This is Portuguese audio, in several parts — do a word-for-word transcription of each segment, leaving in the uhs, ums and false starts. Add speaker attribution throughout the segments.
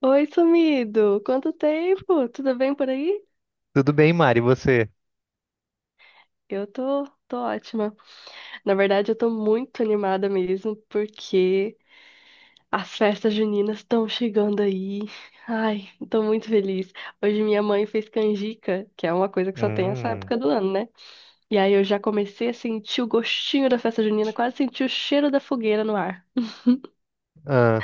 Speaker 1: Oi, sumido! Quanto tempo? Tudo bem por aí?
Speaker 2: Tudo bem, Mari, e você?
Speaker 1: Eu tô, tô ótima. Na verdade, eu tô muito animada mesmo, porque as festas juninas estão chegando aí. Ai, tô muito feliz. Hoje minha mãe fez canjica, que é uma coisa que só tem essa
Speaker 2: Hum.
Speaker 1: época do ano, né? E aí eu já comecei a sentir o gostinho da festa junina, quase senti o cheiro da fogueira no ar.
Speaker 2: Ah,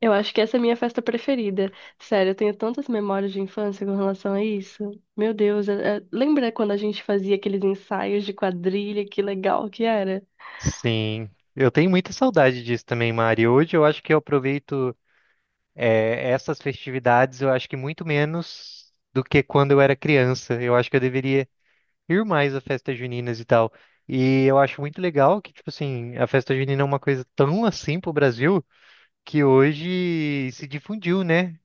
Speaker 1: Eu acho que essa é a minha festa preferida. Sério, eu tenho tantas memórias de infância com relação a isso. Meu Deus, é- é- lembra quando a gente fazia aqueles ensaios de quadrilha? Que legal que era.
Speaker 2: sim. Eu tenho muita saudade disso também, Mari. Hoje eu acho que eu aproveito eh, essas festividades, eu acho que muito menos do que quando eu era criança. Eu acho que eu deveria ir mais a festas juninas e tal. E eu acho muito legal que, tipo assim, a festa junina é uma coisa tão assim pro Brasil que hoje se difundiu, né?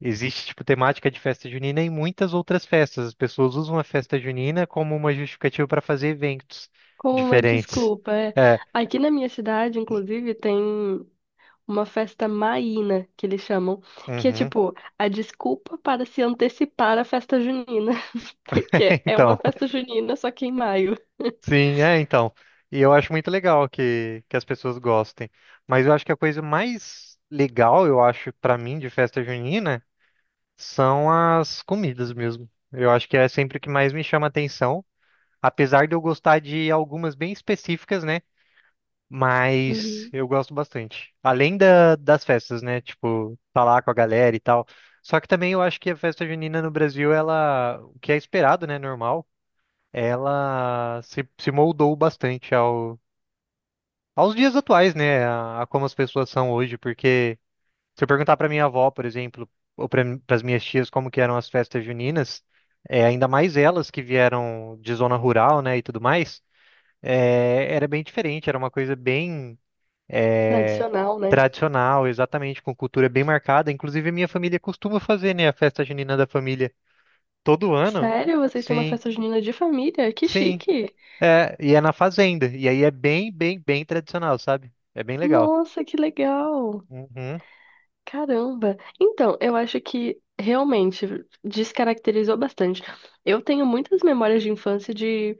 Speaker 2: Existe, tipo, temática de festa junina em muitas outras festas. As pessoas usam a festa junina como uma justificativa para fazer eventos
Speaker 1: Como uma
Speaker 2: diferentes.
Speaker 1: desculpa. É.
Speaker 2: É,
Speaker 1: Aqui na minha cidade, inclusive, tem uma festa maína, que eles chamam, que é
Speaker 2: uhum.
Speaker 1: tipo a desculpa para se antecipar à festa junina. Porque é uma
Speaker 2: Então,
Speaker 1: festa junina, só que em maio.
Speaker 2: sim, é, então. E eu acho muito legal que, que as pessoas gostem. Mas eu acho que a coisa mais legal, eu acho, para mim, de festa junina, são as comidas mesmo. Eu acho que é sempre o que mais me chama atenção, apesar de eu gostar de algumas bem específicas, né? Mas
Speaker 1: Uhum.
Speaker 2: eu gosto bastante. Além da, das festas, né? Tipo, tá lá com a galera e tal. Só que também eu acho que a festa junina no Brasil, ela, o que é esperado, né? Normal, ela se, se moldou bastante ao, aos dias atuais, né? A, a como as pessoas são hoje. Porque se eu perguntar pra minha avó, por exemplo, ou para as minhas tias como que eram as festas juninas, é, ainda mais elas que vieram de zona rural, né? E tudo mais, é, era bem diferente. Era uma coisa bem é,
Speaker 1: Tradicional, né?
Speaker 2: tradicional, exatamente, com cultura bem marcada. Inclusive, a minha família costuma fazer, né, a festa junina da família todo ano.
Speaker 1: Sério, vocês têm uma
Speaker 2: Sim,
Speaker 1: festa junina de família? Que
Speaker 2: sim.
Speaker 1: chique!
Speaker 2: É, e é na fazenda. E aí é bem, bem, bem tradicional, sabe? É bem legal.
Speaker 1: Nossa, que legal!
Speaker 2: Uhum,
Speaker 1: Caramba! Então, eu acho que realmente descaracterizou bastante. Eu tenho muitas memórias de infância de,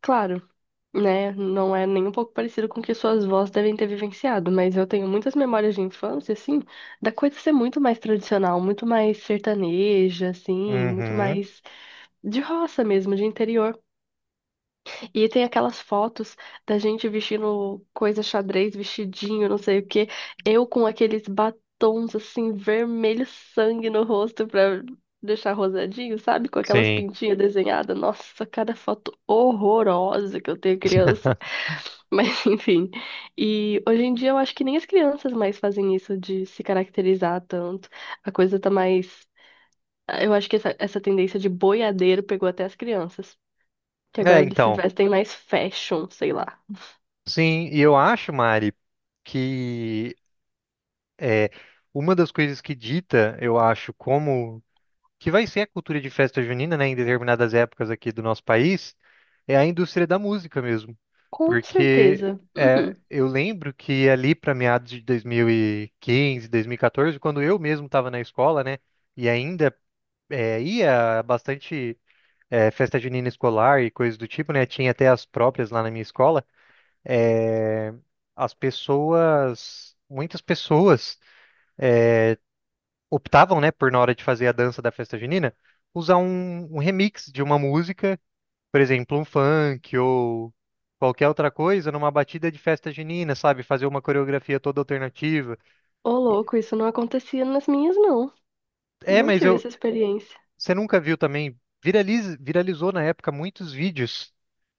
Speaker 1: claro, né, não é nem um pouco parecido com o que suas vós devem ter vivenciado, mas eu tenho muitas memórias de infância, assim, da coisa ser muito mais tradicional, muito mais sertaneja, assim, muito
Speaker 2: uhum,
Speaker 1: mais de roça mesmo, de interior. E tem aquelas fotos da gente vestindo coisa xadrez, vestidinho, não sei o quê. Eu com aqueles batons assim, vermelho sangue no rosto pra deixar rosadinho, sabe? Com aquelas
Speaker 2: sim.
Speaker 1: pintinhas desenhadas. Nossa, cada foto horrorosa que eu tenho criança. Mas enfim. E hoje em dia eu acho que nem as crianças mais fazem isso de se caracterizar tanto. A coisa tá mais. Eu acho que essa, essa tendência de boiadeiro pegou até as crianças. Que
Speaker 2: É,
Speaker 1: agora eles se
Speaker 2: então.
Speaker 1: vestem mais fashion, sei lá.
Speaker 2: Sim, e eu acho, Mari, que é, uma das coisas que dita, eu acho, como que vai ser a cultura de festa junina, né, em determinadas épocas aqui do nosso país, é a indústria da música mesmo.
Speaker 1: Com
Speaker 2: Porque
Speaker 1: certeza. Uhum.
Speaker 2: é, eu lembro que ali para meados de dois mil e quinze, dois mil e quatorze, quando eu mesmo estava na escola, né, e ainda é, ia bastante é, festa junina escolar e coisas do tipo, né, tinha até as próprias lá na minha escola é, as pessoas, muitas pessoas optavam, né, por na hora de fazer a dança da festa junina, usar um, um remix de uma música por exemplo, um funk ou qualquer outra coisa numa batida de festa junina, sabe? Fazer uma coreografia toda alternativa.
Speaker 1: Ô, louco, isso não acontecia nas minhas, não.
Speaker 2: É,
Speaker 1: Não
Speaker 2: mas
Speaker 1: tive
Speaker 2: eu,
Speaker 1: essa experiência.
Speaker 2: você nunca viu também, viraliz, viralizou na época muitos vídeos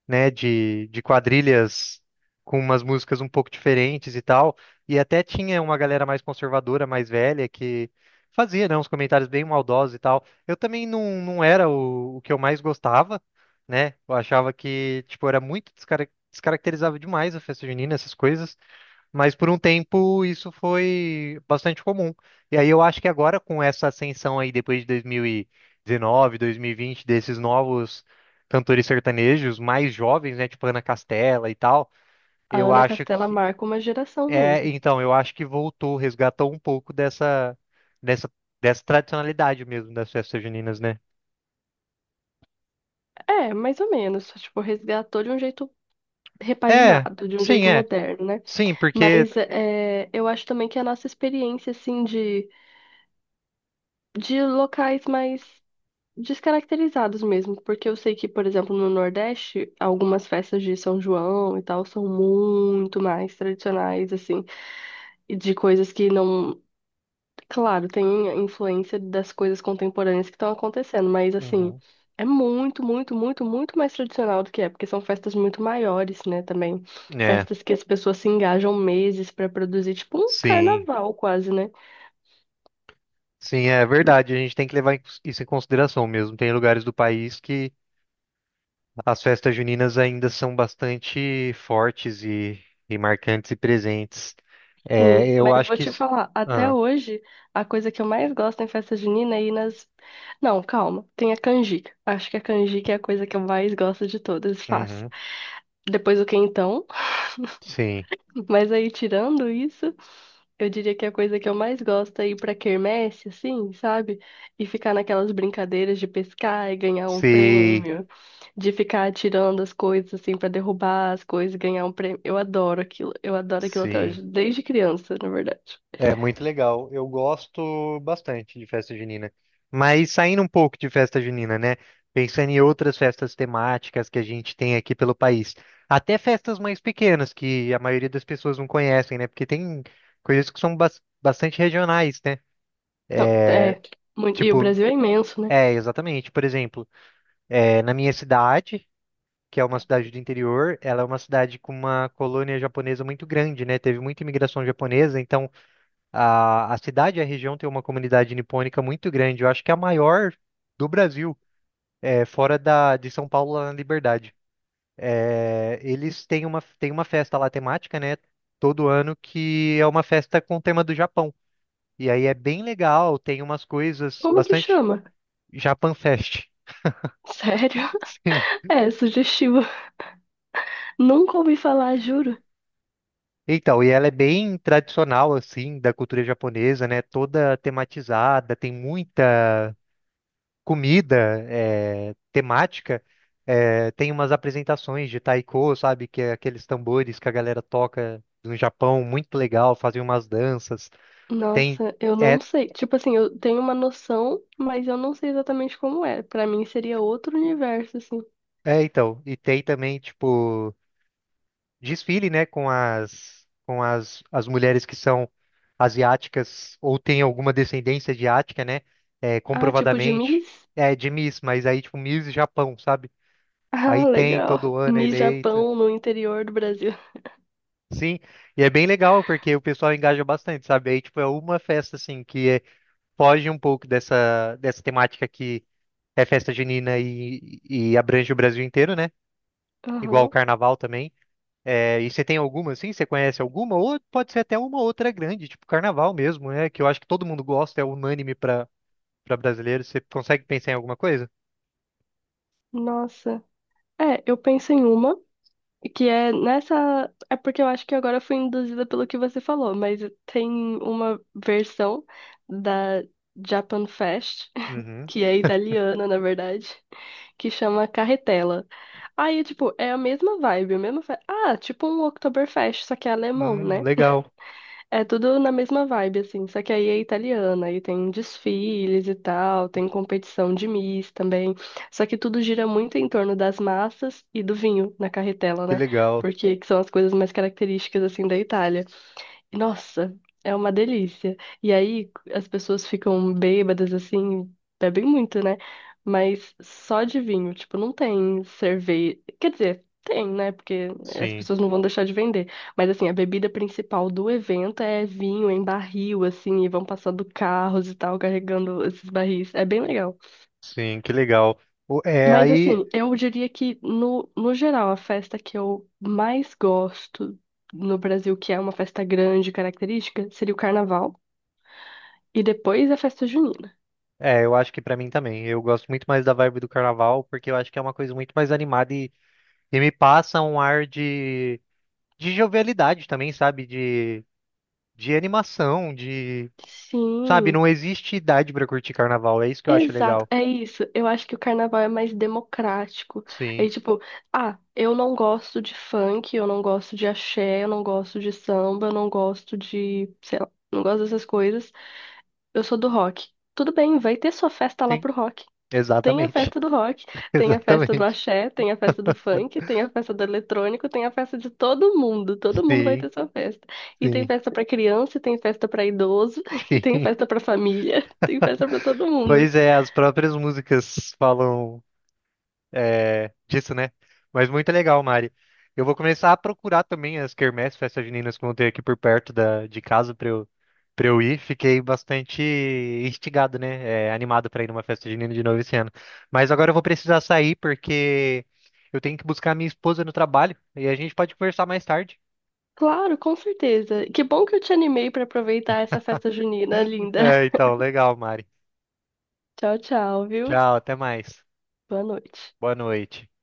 Speaker 2: né, de, de quadrilhas com umas músicas um pouco diferentes e tal. E até tinha uma galera mais conservadora, mais velha, que fazia, né, uns comentários bem maldosos e tal. Eu também não, não era o, o que eu mais gostava, né? Eu achava que, tipo, era muito descara- descaracterizava demais a festa junina, essas coisas. Mas por um tempo isso foi bastante comum. E aí eu acho que agora com essa ascensão aí depois de dois mil e dezenove, dois mil e vinte, desses novos cantores sertanejos mais jovens, né, tipo Ana Castela e tal,
Speaker 1: A
Speaker 2: eu
Speaker 1: Ana
Speaker 2: acho
Speaker 1: Castela
Speaker 2: que
Speaker 1: marca uma geração
Speaker 2: é,
Speaker 1: mesmo.
Speaker 2: então, eu acho que voltou, resgatou um pouco dessa dessa dessa tradicionalidade mesmo das festas juninas, né?
Speaker 1: É, mais ou menos. Tipo, resgatou de um jeito
Speaker 2: É,
Speaker 1: repaginado, de um
Speaker 2: sim,
Speaker 1: jeito
Speaker 2: é.
Speaker 1: moderno, né?
Speaker 2: Sim, porque
Speaker 1: Mas é, eu acho também que a nossa experiência, assim, de, de locais mais descaracterizados mesmo, porque eu sei que, por exemplo, no Nordeste, algumas festas de São João e tal são muito mais tradicionais, assim, e de coisas que não. Claro, tem influência das coisas contemporâneas que estão acontecendo, mas, assim,
Speaker 2: uhum.
Speaker 1: é muito, muito, muito, muito mais tradicional do que é, porque são festas muito maiores, né, também.
Speaker 2: É,
Speaker 1: Festas que as pessoas se engajam meses pra produzir, tipo um
Speaker 2: sim.
Speaker 1: carnaval quase, né?
Speaker 2: Sim, é verdade. A gente tem que levar em cons- isso em consideração mesmo. Tem lugares do país que as festas juninas ainda são bastante fortes e, e marcantes e presentes. É,
Speaker 1: Sim,
Speaker 2: eu
Speaker 1: mas
Speaker 2: acho
Speaker 1: vou
Speaker 2: que
Speaker 1: te
Speaker 2: isso.
Speaker 1: falar, até
Speaker 2: Ah,
Speaker 1: hoje, a coisa que eu mais gosto em festa junina é ir nas. Não, calma, tem a canjica. Acho que a canjica é a coisa que eu mais gosto de todas, fácil.
Speaker 2: uhum,
Speaker 1: Depois o quentão,
Speaker 2: sim,
Speaker 1: mas aí tirando isso, eu diria que a coisa que eu mais gosto é ir pra quermesse, assim, sabe? E ficar naquelas brincadeiras de pescar e ganhar um
Speaker 2: sim,
Speaker 1: prêmio, de ficar atirando as coisas, assim, pra derrubar as coisas e ganhar um prêmio. Eu adoro aquilo, eu adoro aquilo até
Speaker 2: sim.
Speaker 1: hoje, desde criança, na verdade.
Speaker 2: É muito legal. Eu gosto bastante de festa junina. Mas saindo um pouco de festa junina, né? Pensando em outras festas temáticas que a gente tem aqui pelo país. Até festas mais pequenas, que a maioria das pessoas não conhecem, né? Porque tem coisas que são bas- bastante regionais, né?
Speaker 1: Então,
Speaker 2: É,
Speaker 1: é, muito, e o
Speaker 2: tipo,
Speaker 1: Brasil é imenso, né?
Speaker 2: é, exatamente. Por exemplo, é, na minha cidade, que é uma cidade do interior, ela é uma cidade com uma colônia japonesa muito grande, né? Teve muita imigração japonesa, então. A, a cidade e a região tem uma comunidade nipônica muito grande. Eu acho que é a maior do Brasil, é, fora da, de São Paulo, lá na Liberdade. É, eles têm uma, têm uma festa lá temática, né? Todo ano, que é uma festa com o tema do Japão. E aí é bem legal, tem umas coisas
Speaker 1: Como que
Speaker 2: bastante
Speaker 1: chama?
Speaker 2: Japan Fest.
Speaker 1: Sério?
Speaker 2: Sim.
Speaker 1: É, sugestivo. Nunca ouvi falar, juro.
Speaker 2: Então, e ela é bem tradicional, assim, da cultura japonesa, né? Toda tematizada, tem muita comida, é, temática. É, tem umas apresentações de taiko, sabe? Que é aqueles tambores que a galera toca no Japão, muito legal, fazem umas danças. Tem,
Speaker 1: Nossa, eu não
Speaker 2: é,
Speaker 1: sei. Tipo assim, eu tenho uma noção, mas eu não sei exatamente como é. Pra mim seria outro universo, assim.
Speaker 2: é, então, e tem também, tipo, desfile, né? Com as, com as, as mulheres que são asiáticas ou têm alguma descendência asiática, né? É,
Speaker 1: Ah, tipo de
Speaker 2: comprovadamente.
Speaker 1: Miss?
Speaker 2: É, de Miss, mas aí, tipo, Miss Japão, sabe?
Speaker 1: Ah,
Speaker 2: Aí tem
Speaker 1: legal.
Speaker 2: todo ano é
Speaker 1: Miss
Speaker 2: eleito.
Speaker 1: Japão no interior do Brasil.
Speaker 2: Sim, e é bem legal porque o pessoal engaja bastante, sabe? Aí, tipo, é uma festa, assim, que é- foge um pouco dessa, dessa temática que é festa junina e, e abrange o Brasil inteiro, né? Igual o
Speaker 1: Aham.
Speaker 2: carnaval também. É, e você tem alguma, assim? Você conhece alguma? Ou pode ser até uma outra grande, tipo carnaval mesmo, né? Que eu acho que todo mundo gosta, é unânime para para brasileiro. Você consegue pensar em alguma coisa?
Speaker 1: Nossa. É, eu penso em uma. Que é nessa. É porque eu acho que agora eu fui induzida pelo que você falou, mas tem uma versão da Japan Fest,
Speaker 2: Uhum.
Speaker 1: que é italiana, na verdade, que chama Carretela. Aí, tipo, é a mesma vibe, a mesma. fe- Ah, tipo um Oktoberfest, só que é alemão,
Speaker 2: Hum,
Speaker 1: né?
Speaker 2: legal,
Speaker 1: É tudo na mesma vibe, assim, só que aí é italiana, aí tem desfiles e tal, tem competição de Miss também. Só que tudo gira muito em torno das massas e do vinho na carretela,
Speaker 2: que
Speaker 1: né?
Speaker 2: legal.
Speaker 1: Porque que são as coisas mais características, assim, da Itália. Nossa, é uma delícia. E aí as pessoas ficam bêbadas assim, bebem muito, né? Mas só de vinho, tipo, não tem cerveja. Quer dizer, tem, né? Porque as
Speaker 2: Sim,
Speaker 1: pessoas não vão deixar de vender. Mas assim, a bebida principal do evento é vinho em barril, assim, e vão passando carros e tal, carregando esses barris. É bem legal.
Speaker 2: sim, que legal. O- É,
Speaker 1: Mas
Speaker 2: aí.
Speaker 1: assim, eu diria que no, no geral, a festa que eu mais gosto no Brasil, que é uma festa grande, característica, seria o carnaval. E depois a festa junina.
Speaker 2: É, eu acho que pra mim também. Eu gosto muito mais da vibe do carnaval, porque eu acho que é uma coisa muito mais animada e, e me passa um ar de, de jovialidade também, sabe? De, de animação, de, sabe? Não
Speaker 1: Sim,
Speaker 2: existe idade pra curtir carnaval, é isso que eu acho
Speaker 1: exato,
Speaker 2: legal.
Speaker 1: é isso. Eu acho que o carnaval é mais democrático. Aí,
Speaker 2: Sim,
Speaker 1: tipo, ah, eu não gosto de funk, eu não gosto de axé, eu não gosto de samba, eu não gosto de, sei lá, não gosto dessas coisas. Eu sou do rock. Tudo bem, vai ter sua festa lá
Speaker 2: sim,
Speaker 1: pro rock. Tem a
Speaker 2: exatamente.
Speaker 1: festa do rock, tem a festa do
Speaker 2: Exatamente.
Speaker 1: axé, tem a festa do funk, tem a festa do eletrônico, tem a festa de todo mundo. Todo mundo vai
Speaker 2: Sim,
Speaker 1: ter sua festa. E tem
Speaker 2: sim,
Speaker 1: festa pra criança, e tem festa pra idoso, e tem
Speaker 2: sim.
Speaker 1: festa pra família, tem festa pra todo mundo.
Speaker 2: Pois é, as próprias músicas falam é, disso, né? Mas muito legal, Mari. Eu vou começar a procurar também as quermesses, festas juninas que vão ter aqui por perto da, de casa para eu, para eu ir. Fiquei bastante instigado, né? É, animado para ir numa festa junina de novo esse ano. Mas agora eu vou precisar sair porque eu tenho que buscar minha esposa no trabalho e a gente pode conversar mais tarde.
Speaker 1: Claro, com certeza. Que bom que eu te animei pra aproveitar essa festa junina linda.
Speaker 2: É, então, legal, Mari.
Speaker 1: Tchau, tchau, viu?
Speaker 2: Tchau, até mais.
Speaker 1: Boa noite.
Speaker 2: Boa noite.